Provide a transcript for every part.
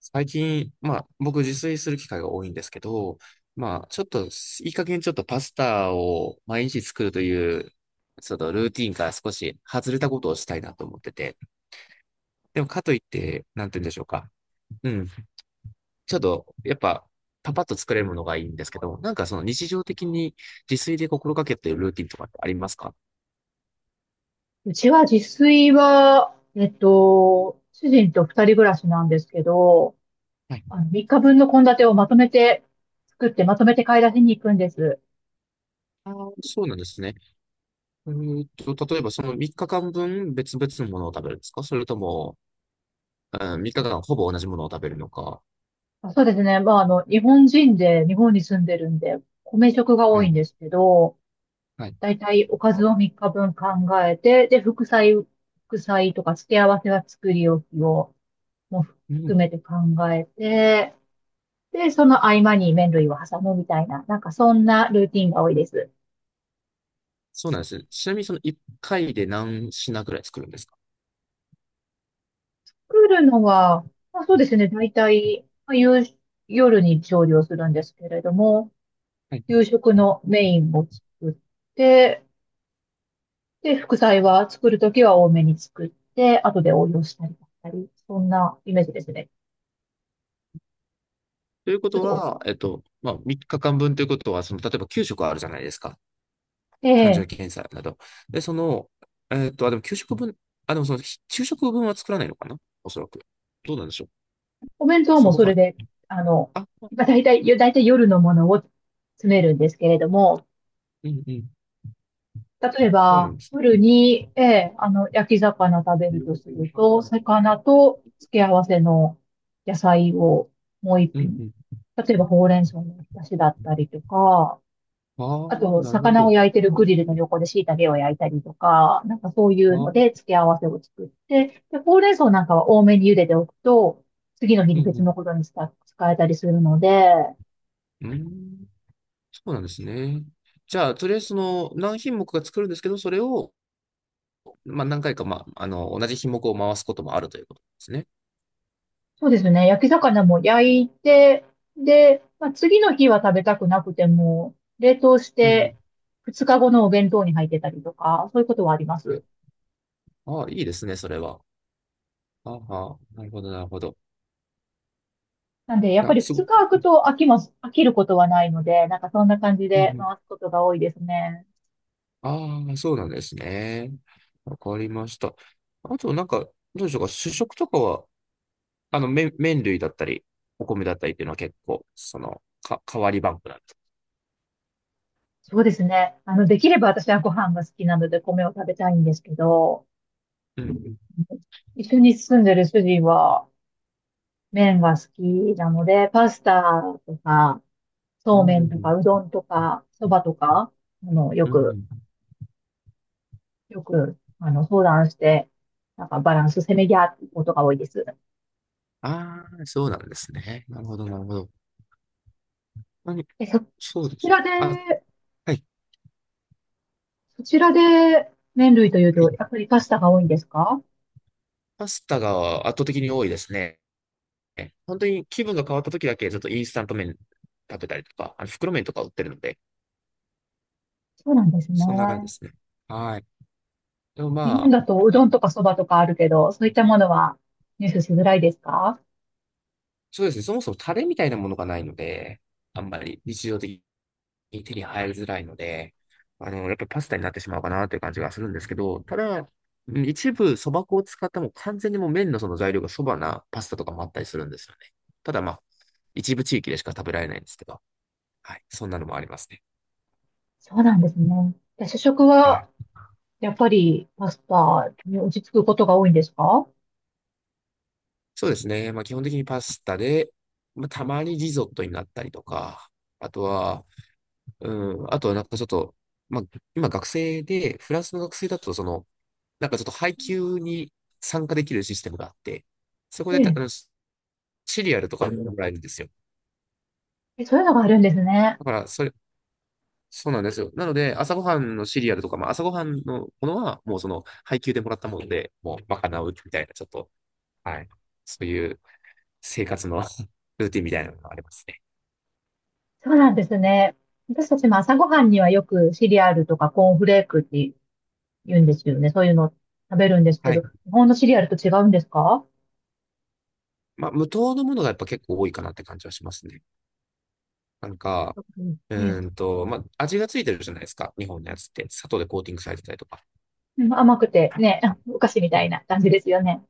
最近、まあ、僕自炊する機会が多いんですけど、まあ、ちょっと、いい加減ちょっとパスタを毎日作るという、ちょっとルーティンから少し外れたことをしたいなと思ってて。でも、かといって、なんて言うんでしょうか。うん。ちょっと、やっぱ、パパッと作れるものがいいんですけど、なんかその日常的に自炊で心がけているルーティンとかってありますか？うちは自炊は、主人と二人暮らしなんですけど、はい。三日分の献立をまとめて作って、まとめて買い出しに行くんです。あー、そうなんですね。例えばその3日間分別々のものを食べるんですか？それとも、うん、3日間ほぼ同じものを食べるのか、あ、そうですね。まあ、日本人で、日本に住んでるんで、米食が多はいんい。ですけど、はい。だいたいおかずを三日分考えて、で、副菜とか付け合わせは作り置きを、もうう含ん。めて考えて、で、その合間に麺類を挟むみたいな、なんかそんなルーティンが多いです。そうなんですね。ちなみにその1回で何品ぐらい作るんですか？作るのは、まあ、そうですね。大体、まあ、夜に調理をするんですけれども、はい。夕食のメインを作って、で、副菜は作るときは多めに作って、後で応用したりだったり、そんなイメージですね。というこちょっとと、は、まあ、3日間分ということは、その、例えば給食あるじゃないですか。誕え生日え検査など。で、その、あ、でも9食分、あ、でもその、ひ昼食分は作らないのかな、おそらく。どうなんでしょう。お弁当朝もごそはれん。で、あの、あ、まあ、大体夜のものを詰めるんですけれども、うんうん。例えそうなんば、です夜ね。に、焼き魚食べるとするうと、魚と付け合わせの野菜をもう一ん品。うん。例えば、ほうれん草のおひたしだったりとか、あああ、と、なるほ魚をど。焼いてあるグリルの横で椎茸を焼いたりとか、なんかそういあ、うのうんで付け合わせを作って、で、ほうれん草なんかは多めに茹でておくと、次の日うに別のん。ことに使えたりするので、うん。そうなんですね。じゃあ、とりあえずその何品目か作るんですけど、それを、まあ、何回か、まあ、あの、同じ品目を回すこともあるということですね。そうですね。焼き魚も焼いて、で、まあ、次の日は食べたくなくても、冷凍しうんうて、ん。2日後のお弁当に入ってたりとか、そういうことはあります。え、ああ、いいですね、それは。ああ、なるほど、なるほど。なんで、やっぱあ、りすご2く、日空くと飽きることはないので、なんかそんな感じうんでうん。回すことが多いですね。ああ、そうなんですね。わかりました。あと、なんか、どうでしょうか、主食とかは、あの、麺類だったり、お米だったりっていうのは結構、その、か、変わりバンクなんです。そうですね。できれば私はご飯が好きなので米を食べたいんですけど、うんうん。うん一緒に住んでる主人は麺が好きなので、パスタとか、そううんめうんうんとか、うん。どんとか、そばとか、あの、ようんうく、ん。よく、相談して、なんかバランスせめぎ合うことが多いです。ああ、そうなんですね。なるほど、なるほど。何、え、そ、そうそでちす。らで、あ、はい、そちらで麺類というはと、い。やっぱりパスタが多いんですか？パスタが圧倒的に多いですね。本当に気分が変わった時だけ、ちょっとインスタント麺食べたりとか、あの袋麺とか売ってるので、そうなんですね。そんな感じですね。はい。でも日本まだとうあ、どあんとかそばとかあるけど、そういったものは入手しづらいですか？そうですね。そもそもタレみたいなものがないので、あんまり日常的に手に入りづらいので、あの、やっぱりパスタになってしまうかなという感じがするんですけど、ただ、うん一部そば粉を使ったもう完全にもう麺のその材料がそばなパスタとかもあったりするんですよね。ただまあ、一部地域でしか食べられないんですけど、はい、そんなのもありますね。そうなんですね。で主食はい。は、やっぱりパスタに落ち着くことが多いんですか？そうですね。まあ基本的にパスタで、まあたまにリゾットになったりとか、あとは、うん、あとはなんかちょっと、まあ今学生で、フランスの学生だとその、なんかちょっと配給に参加できるシステムがあって、そこえでた、あえ。の、シシリアルとかもらえるんですよ。え、そういうのがあるんですね。だから、それ、そうなんですよ。なので、朝ごはんのシリアルとか、まあ、朝ごはんのものは、もうその、配給でもらったもので、もう、賄うみたいな、ちょっと、はい。そういう生活の ルーティンみたいなのがありますね。そうなんですね。私たちも朝ごはんにはよくシリアルとかコーンフレークって言うんですよね。そういうの食べるんですけはど、い。日本のシリアルと違うんですか？まあ、無糖のものがやっぱ結構多いかなって感じはしますね。なんか、うん、うええ。まあ、味がついてるじゃないですか。日本のやつって。砂糖でコーティングされてたりとか。甘くてね、お菓子みそたいうな感じですよね。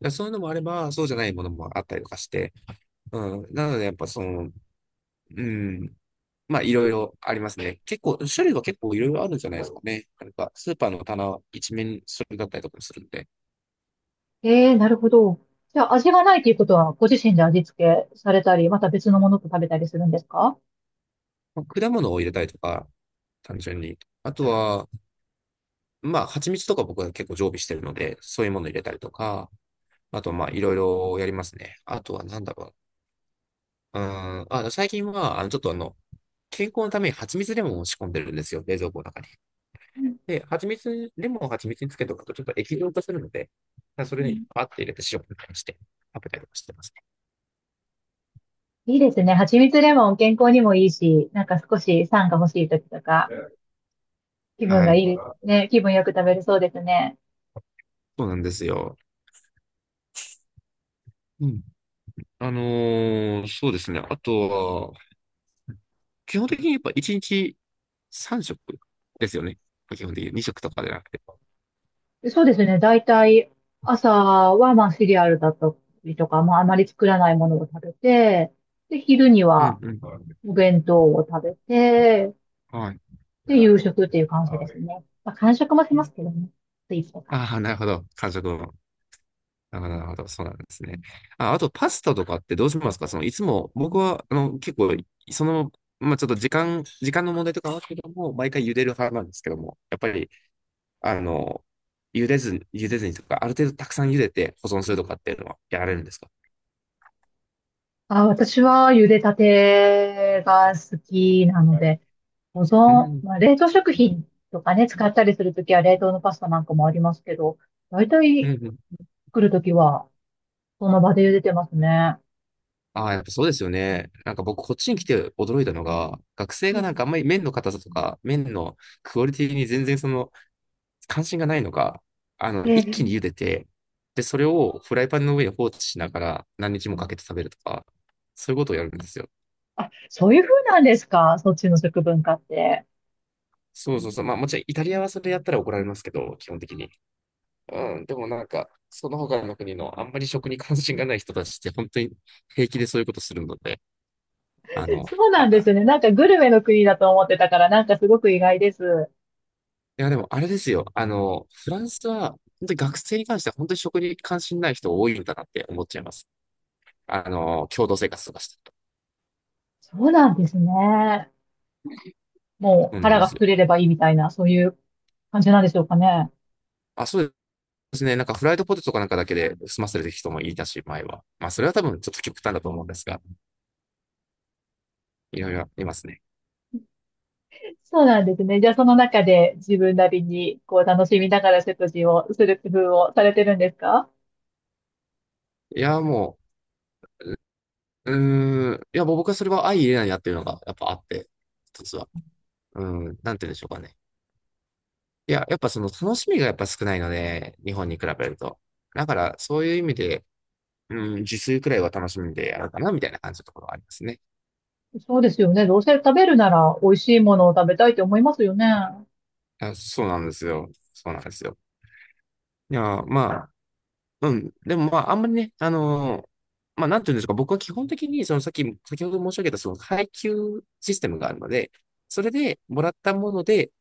やそういうのもあれば、そうじゃないものもあったりとかして。うん。なので、やっぱその、うん。まあ、いろいろありますね。結構、種類は結構いろいろあるんじゃないですかね。なんか、スーパーの棚一面それだったりとかもするんで。ええ、なるほど。じゃあ味がないということは、ご自身で味付けされたり、また別のものと食べたりするんですか？まあ、果物を入れたりとか、単純に。あとは、まあ、蜂蜜とか僕は結構常備してるので、そういうもの入れたりとか、あと、まあ、いろいろやりますね。あとは、なんだろう。うん。あ、最近は、あの、ちょっとあの、健康のために蜂蜜レモンを仕込んでるんですよ、冷蔵庫の中に。うん、で、蜂蜜、レモンを蜂蜜につけとくとちょっと液状化するので、そうれにん。パッて入れて塩みたいにして食べたりとかしてますいいですね。蜂蜜レモン健康にもいいし、なんか少し酸が欲しい時とか、気ね。分はがいい。い、ね、気分よく食べれそうですね。そうなんですよ。うん。そうですね。あとは、基本的にやっぱ1日3食ですよね。基本的に2食とかでなくて。そうですね。だいたい朝はまあシリアルだったりとか、まああまり作らないものを食べて、で、昼にうんはうん。お弁当を食べて、はい。で、夕食っていう感じですね。まあ、間食もしますけどね。スイーツとか。ああ、なるほど。完食を。あ、なるほど、そうなんですね。あ、あと、パスタとかってどうしますか？その、いつも、僕は、あの、結構、その、まあ、ちょっと時間、時間の問題とかはあるけども、毎回茹でる派なんですけども、やっぱり、あの、茹でずにとか、ある程度たくさん茹でて保存するとかっていうのはやられるんですか？あ、私は茹でたてが好きなので、保う存、ん、まあ、冷凍食品とかね、使ったりするときは冷凍のパスタなんかもありますけど、だいたういん、うん。作るときはその場で茹でてますね。ああ、やっぱそうですよね。なんか僕、こっちに来て驚いたのが、学生うがなんん、かあんまり麺の硬さとか、麺のクオリティに全然その、関心がないのか、あの、一気で、に茹でて、で、それをフライパンの上に放置しながら何日もかけて食べるとか、そういうことをやるんですよ。あ、そういう風なんですか？そっちの食文化って。そうそうそう。まあもちろんイタリアはそれやったら怒られますけど、基本的に。うん。でもなんか、その他の国のあんまり食に関心がない人たちって本当に平気でそういうことするので、あの、そうなあ、んですね。なんかグルメの国だと思ってたから、なんかすごく意外です。いやでもあれですよ。あの、フランスは本当に学生に関しては本当に食に関心ない人多いんだなって思っちゃいます。あの、共同生活とかしてると。そうなんですね。もそううなん腹でがすよ。膨れればいいみたいな、そういう感じなんでしょうかね。あ、そうですね。なんかフライドポテトかなんかだけで済ませる人もいたし、前は。まあ、それは多分ちょっと極端だと思うんですが、いろいろいますね。そうなんですね。じゃあその中で自分なりにこう楽しみながら食事をする工夫をされてるんですか？いや、もう、うーん、いや、もう僕はそれは相入れないなっていうのがやっぱあって、一つは。うん、なんて言うんでしょうかね。いや、やっぱその楽しみがやっぱ少ないので、日本に比べると。だから、そういう意味で、うん、自炊くらいは楽しみでやるかな、みたいな感じのところはありますね。そうですよね。どうせ食べるなら美味しいものを食べたいと思いますよね。あ、そうなんですよ。そうなんですよ。いや、まあ、うん。でもまあ、あんまりね、あのーまあ、なんていうんですか、僕は基本的に、そのさっき、先ほど申し上げた、その配給システムがあるので、それでもらったもので、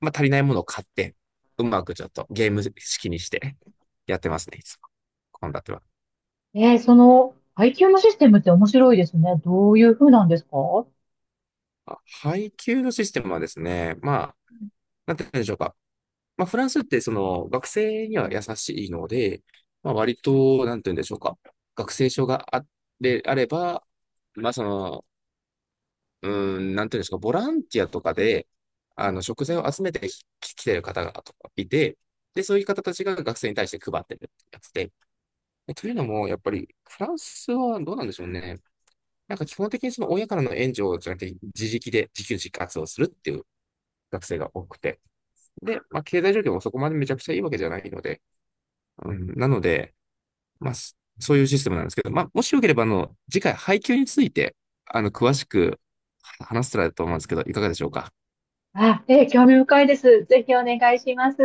まあ、足りないものを買って、うまくちょっとゲーム式にして やってますね、いつも。献立は。えー、その配給のシステムって面白いですね。どういう風なんですか？あ、配給のシステムはですね、まあ、なんて言うんでしょうか。まあ、フランスってその学生には優しいので、まあ、割と、なんて言うんでしょうか。学生証があれ、あれば、まあ、その、うーなんていうんですか、ボランティアとかで、あの、食材を集めて来てる方がとかいて、で、そういう方たちが学生に対して配ってるってやつで。でというのも、やっぱり、フランスはどうなんでしょうね。なんか基本的にその親からの援助じゃなくて、自力で自給自活をするっていう学生が多くて。で、まあ、経済状況もそこまでめちゃくちゃいいわけじゃないので、うん、なので、まあ、そそういうシステムなんですけど、まあ、もしよければ、あの、次回、配給について、あの、詳しく話せたらと思うんですけど、いかがでしょうか。あ、興味深いです。ぜひお願いします。